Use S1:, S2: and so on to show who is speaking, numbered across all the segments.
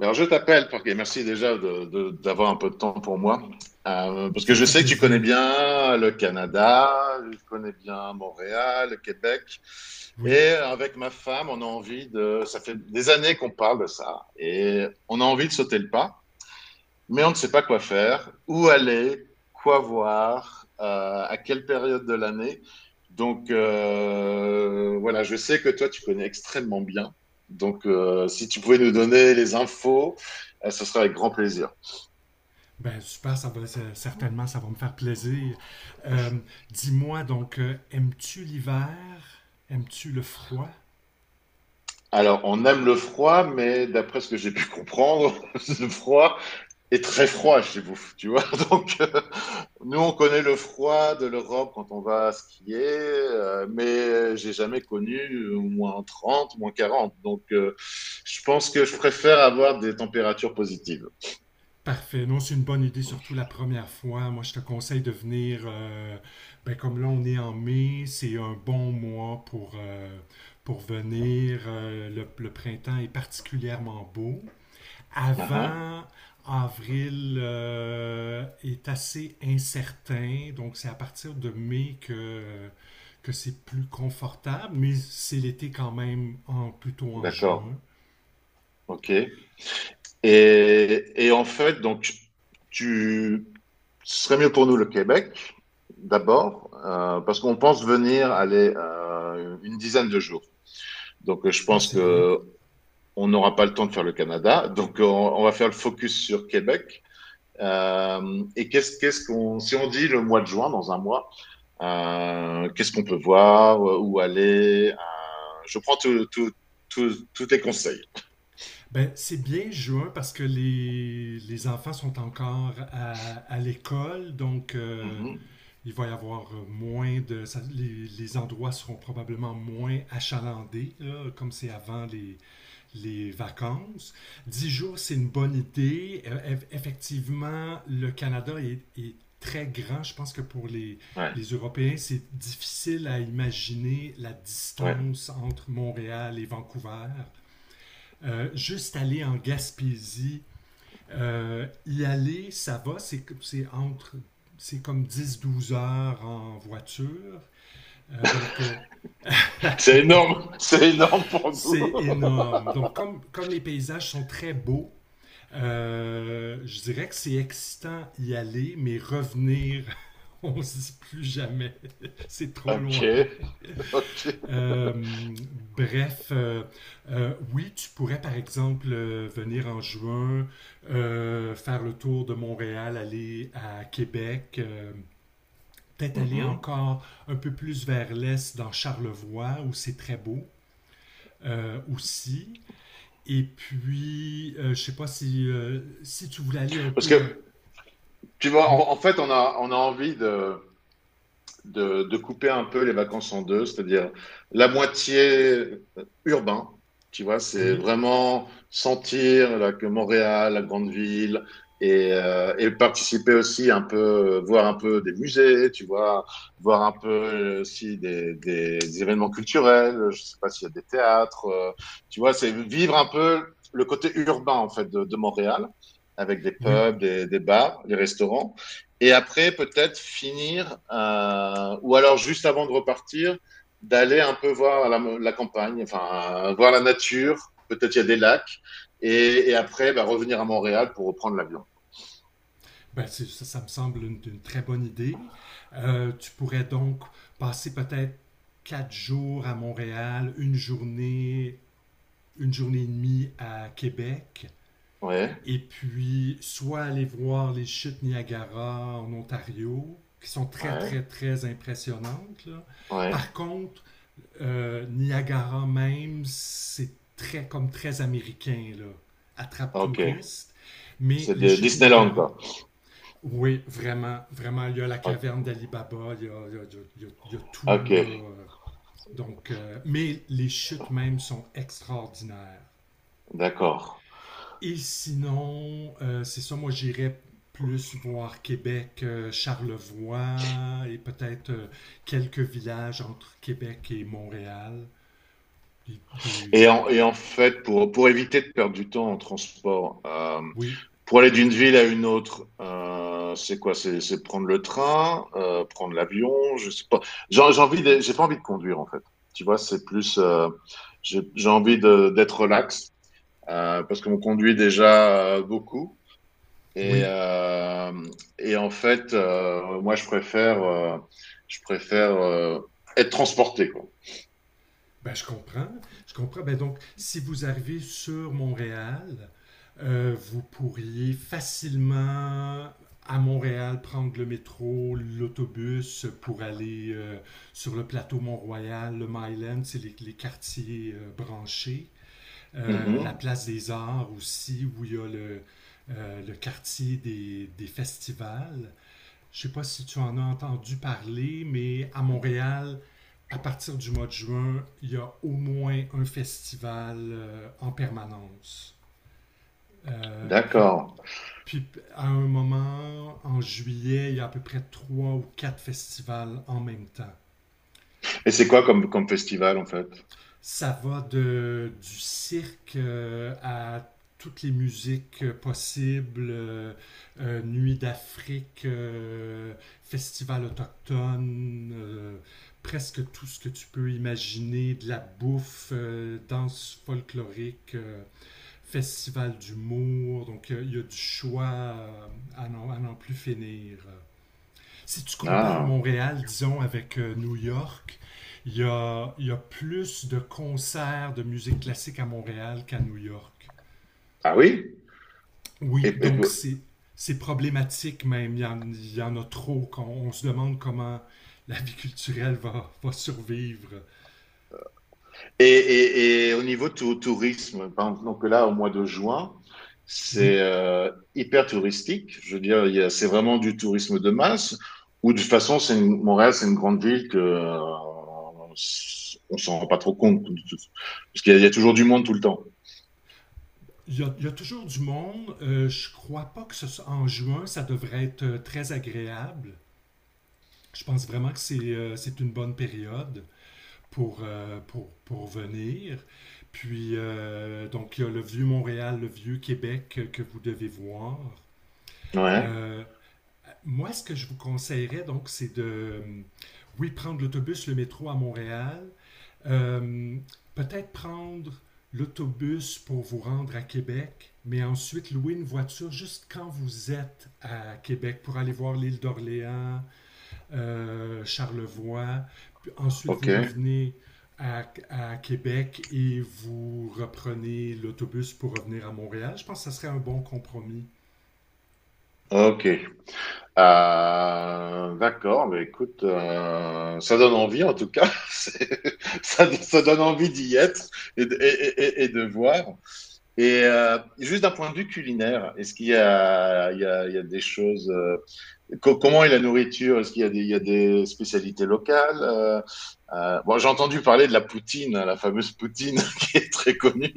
S1: Alors, je t'appelle parce que merci déjà d'avoir un peu de temps pour moi. Parce
S2: Ça
S1: que
S2: me
S1: je
S2: fait
S1: sais que tu connais
S2: plaisir,
S1: bien le Canada, je connais bien Montréal, le Québec.
S2: oui.
S1: Et avec ma femme, on a envie de... Ça fait des années qu'on parle de ça. Et on a envie de sauter le pas mais on ne sait pas quoi faire, où aller, quoi voir, à quelle période de l'année. Donc, voilà, je sais que toi, tu connais extrêmement bien. Donc, si tu pouvais nous donner les infos, ce serait avec grand plaisir.
S2: Ben super, certainement, ça va me faire plaisir. Euh, Dis-moi donc, aimes-tu l'hiver? Aimes-tu le froid?
S1: Alors, on aime le froid, mais d'après ce que j'ai pu comprendre, le froid, et très froid chez vous, tu vois. Donc, nous, on connaît le froid de l'Europe quand on va skier, mais j'ai jamais connu moins 30, moins 40. Donc, je pense que je préfère avoir des températures positives.
S2: Parfait. Non, c'est une bonne idée, surtout la première fois. Moi, je te conseille de venir. Ben, comme là, on est en mai, c'est un bon mois pour venir. Le printemps est particulièrement beau.
S1: Ah, ah.
S2: Avant avril est assez incertain, donc c'est à partir de mai que c'est plus confortable, mais c'est l'été quand même plutôt en
S1: D'accord.
S2: juin.
S1: OK. Et en fait, donc, tu, ce serait mieux pour nous le Québec, d'abord, parce qu'on pense venir aller une dizaine de jours. Donc, je
S2: Ah,
S1: pense
S2: c'est bien.
S1: que on n'aura pas le temps de faire le Canada, donc on va faire le focus sur Québec. Et qu'est-ce qu'on si on dit le mois de juin dans un mois, qu'est-ce qu'on peut voir, où aller je prends tous tes conseils.
S2: Ben, c'est bien juin parce que les enfants sont encore à l'école,
S1: Mhm.
S2: il va y avoir les endroits seront probablement moins achalandés, là, comme c'est avant les vacances. 10 jours, c'est une bonne idée. Effectivement, le Canada est très grand. Je pense que pour les,
S1: Ouais,
S2: les Européens, c'est difficile à imaginer la
S1: ouais.
S2: distance entre Montréal et Vancouver. Juste aller en Gaspésie, y aller, ça va, entre... c'est comme 10 12 heures en voiture. Euh, donc, euh,
S1: C'est énorme, c'est énorme pour nous.
S2: c'est énorme. Donc, comme les paysages sont très beaux, je dirais que c'est excitant y aller, mais revenir, on se dit plus jamais. C'est trop
S1: Ok,
S2: loin.
S1: ok.
S2: Euh, Bref, oui, tu pourrais par exemple venir en juin, faire le tour de Montréal, aller à Québec. Peut-être aller
S1: Mhm.
S2: encore un peu plus vers l'est dans Charlevoix où c'est très beau aussi. Et puis, je sais pas si tu voulais aller un
S1: Parce
S2: peu dans...
S1: que tu vois,
S2: Oui.
S1: en, en fait, on a envie de de couper un peu les vacances en deux, c'est-à-dire la moitié urbain, tu vois, c'est
S2: Oui,
S1: vraiment sentir là, que Montréal, la grande ville, et participer aussi un peu, voir un peu des musées, tu vois, voir un peu aussi des événements culturels, je sais pas s'il y a des théâtres, tu vois, c'est vivre un peu le côté urbain en fait de Montréal, avec des
S2: oui.
S1: pubs, des bars, des restaurants. Et après, peut-être finir, ou alors juste avant de repartir, d'aller un peu voir la, la campagne, enfin, voir la nature. Peut-être il y a des lacs. Et après, bah, revenir à Montréal pour reprendre l'avion.
S2: Ben, ça, ça me semble une très bonne idée. Tu pourrais donc passer peut-être 4 jours à Montréal, une journée et demie à Québec,
S1: Ouais,
S2: et puis soit aller voir les chutes Niagara en Ontario, qui sont très,
S1: ouais,
S2: très, très impressionnantes, là.
S1: ouais.
S2: Par contre, Niagara même, c'est très, comme très américain, là. Attrape
S1: Ok.
S2: touriste. Mais
S1: C'est
S2: les
S1: de
S2: chutes
S1: Disneyland,
S2: Niagara,
S1: quoi.
S2: oui, vraiment, vraiment. Il y a la caverne
S1: Ok,
S2: d'Alibaba, il, y a- il y a- il y a- il y a tout,
S1: ok,
S2: là. Donc, mais les chutes même sont extraordinaires.
S1: d'accord.
S2: Et sinon, c'est ça, moi j'irais plus voir Québec, Charlevoix et peut-être quelques villages entre Québec et Montréal. Des- des-
S1: Et en fait, pour éviter de perdre du temps en transport,
S2: oui,
S1: pour aller d'une ville à une autre, c'est quoi? C'est prendre le train, prendre l'avion, je sais pas. J'ai envie de- j'ai pas envie de conduire en fait. Tu vois, c'est plus, j'ai envie de d'être relax parce qu'on conduit déjà beaucoup. Et
S2: oui,
S1: euh, et en fait, moi je préfère, je préfère euh, être transporté quoi.
S2: ben, je comprends. Je comprends. Ben, donc, si vous arrivez sur Montréal, vous pourriez facilement à Montréal prendre le métro, l'autobus pour aller sur le plateau Mont-Royal, le Mile End, c'est les quartiers branchés. La
S1: Mhm.
S2: place des arts aussi, où il y a le quartier des festivals. Je ne sais pas si tu en as entendu parler, mais à Montréal, à partir du mois de juin, il y a au moins un festival en permanence. Euh, puis,
S1: D'accord.
S2: puis à un moment, en juillet, il y a à peu près trois ou quatre festivals en même temps.
S1: Et c'est quoi comme, comme festival en fait?
S2: Ça va du cirque à toutes les musiques possibles, Nuit d'Afrique, Festival autochtone, presque tout ce que tu peux imaginer, de la bouffe, danse folklorique, Festival d'humour, il y a du choix à n'en plus finir. Si tu compares
S1: Ah,
S2: Montréal, disons, avec New York, il y a plus de concerts de musique classique à Montréal qu'à New York.
S1: ah oui?
S2: Oui,
S1: Et,
S2: donc c'est problématique même. Il y en a trop. On se demande comment la vie culturelle va survivre.
S1: et, et au niveau tourisme, par exemple, donc là, au mois de juin,
S2: Oui.
S1: c'est hyper touristique. Je veux dire, il y a- c'est vraiment du tourisme de masse, ou de toute façon, c'est une- Montréal, c'est une grande ville que on s'en rend pas trop compte, parce qu'il y a, il y a toujours du monde tout le temps.
S2: Il y a toujours du monde. Je crois pas que ce soit en juin, ça devrait être très agréable. Je pense vraiment que c'est une bonne période pour venir. Puis, donc, il y a le vieux Montréal, le vieux Québec que vous devez voir.
S1: Ouais,
S2: Euh, Moi, ce que je vous conseillerais, donc, c'est oui, prendre l'autobus, le métro à Montréal. Euh, Peut-être prendre l'autobus pour vous rendre à Québec, mais ensuite louer une voiture juste quand vous êtes à Québec pour aller voir l'île d'Orléans, Charlevoix. Puis ensuite,
S1: ok,
S2: vous revenez à, à Québec et vous reprenez l'autobus pour revenir à Montréal. Je pense que ça serait un bon compromis.
S1: ok. D'accord, mais écoute, ça donne envie en tout cas. C'est- ça donne envie d'y être et de, et de voir. Et juste d'un point de vue culinaire, est-ce qu'il y a, il y a, il y a des choses comment est la nourriture? Est-ce qu'il y a des, il y a des spécialités locales? Bon, j'ai entendu parler de la poutine, hein, la fameuse poutine qui est très connue.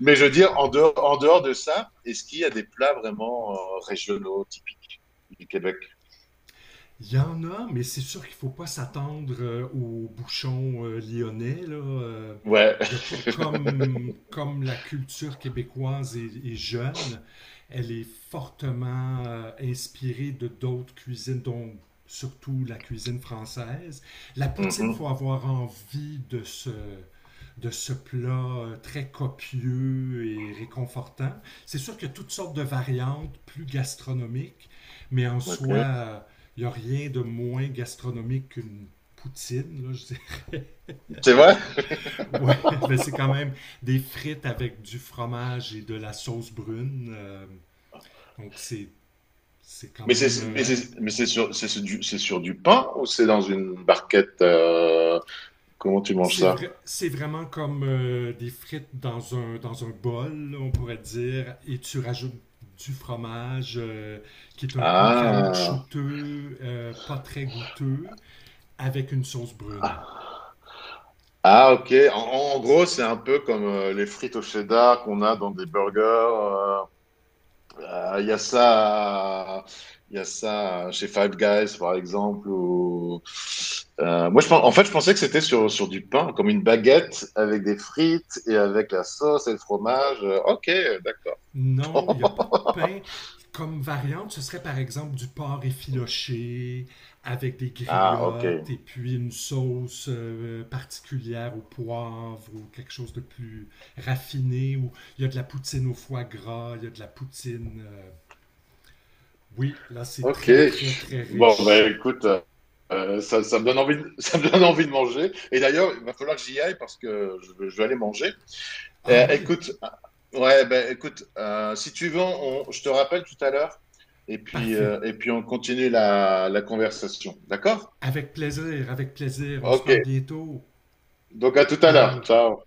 S1: Mais je veux dire, en dehors de ça, est-ce qu'il y a des plats vraiment régionaux typiques du Québec?
S2: Il y en a, mais c'est sûr qu'il ne faut pas s'attendre aux bouchons lyonnais. Là.
S1: Ouais.
S2: Il y a pas comme, comme la culture québécoise est jeune, elle est fortement inspirée de d'autres cuisines, dont surtout la cuisine française. La poutine, il faut
S1: Mhm.
S2: avoir envie de ce plat très copieux et réconfortant. C'est sûr qu'il y a toutes sortes de variantes plus gastronomiques, mais en soi,
S1: OK.
S2: il n'y a rien de moins gastronomique qu'une poutine, là, je dis.
S1: C'est vrai?
S2: Ouais, mais c'est quand même des frites avec du fromage et de la sauce brune. Donc c'est c'est quand
S1: Mais
S2: même
S1: c'est mais c'est mais c'est sur du pain ou c'est dans une barquette comment tu manges ça?
S2: c'est vraiment comme des frites dans un bol, là, on pourrait dire, et tu rajoutes du fromage qui est un peu
S1: Ah.
S2: caoutchouteux, pas très goûteux, avec une sauce brune.
S1: Ah ok. En, en gros, c'est un peu comme les frites au cheddar qu'on a dans des burgers. Il y a ça, il y a ça chez Five Guys, par exemple. Ou... moi, je, pen- en fait, je pensais que c'était sur, sur du pain, comme une baguette avec des frites et avec la sauce et le fromage. Ok, d'accord.
S2: Non, il n'y a pas de pain. Comme variante, ce serait par exemple du porc effiloché avec des
S1: Ah, ok.
S2: griottes et puis une sauce particulière au poivre ou quelque chose de plus raffiné. Ou il y a de la poutine au foie gras, il y a de la poutine. Oui, là c'est
S1: Ok.
S2: très très très
S1: Bon, bah
S2: riche.
S1: écoute, ça, ça me donne envie de, ça me donne envie de manger. Et d'ailleurs, il va falloir que j'y aille parce que je vais aller manger.
S2: Ah oui,
S1: Écoute, ouais, ben écoute, si tu veux, on- je te rappelle tout à l'heure
S2: parfait.
S1: et puis on continue la, la conversation. D'accord?
S2: Avec plaisir, avec plaisir. On se
S1: Ok,
S2: parle bientôt.
S1: donc à tout à l'heure.
S2: Ciao.
S1: Ciao.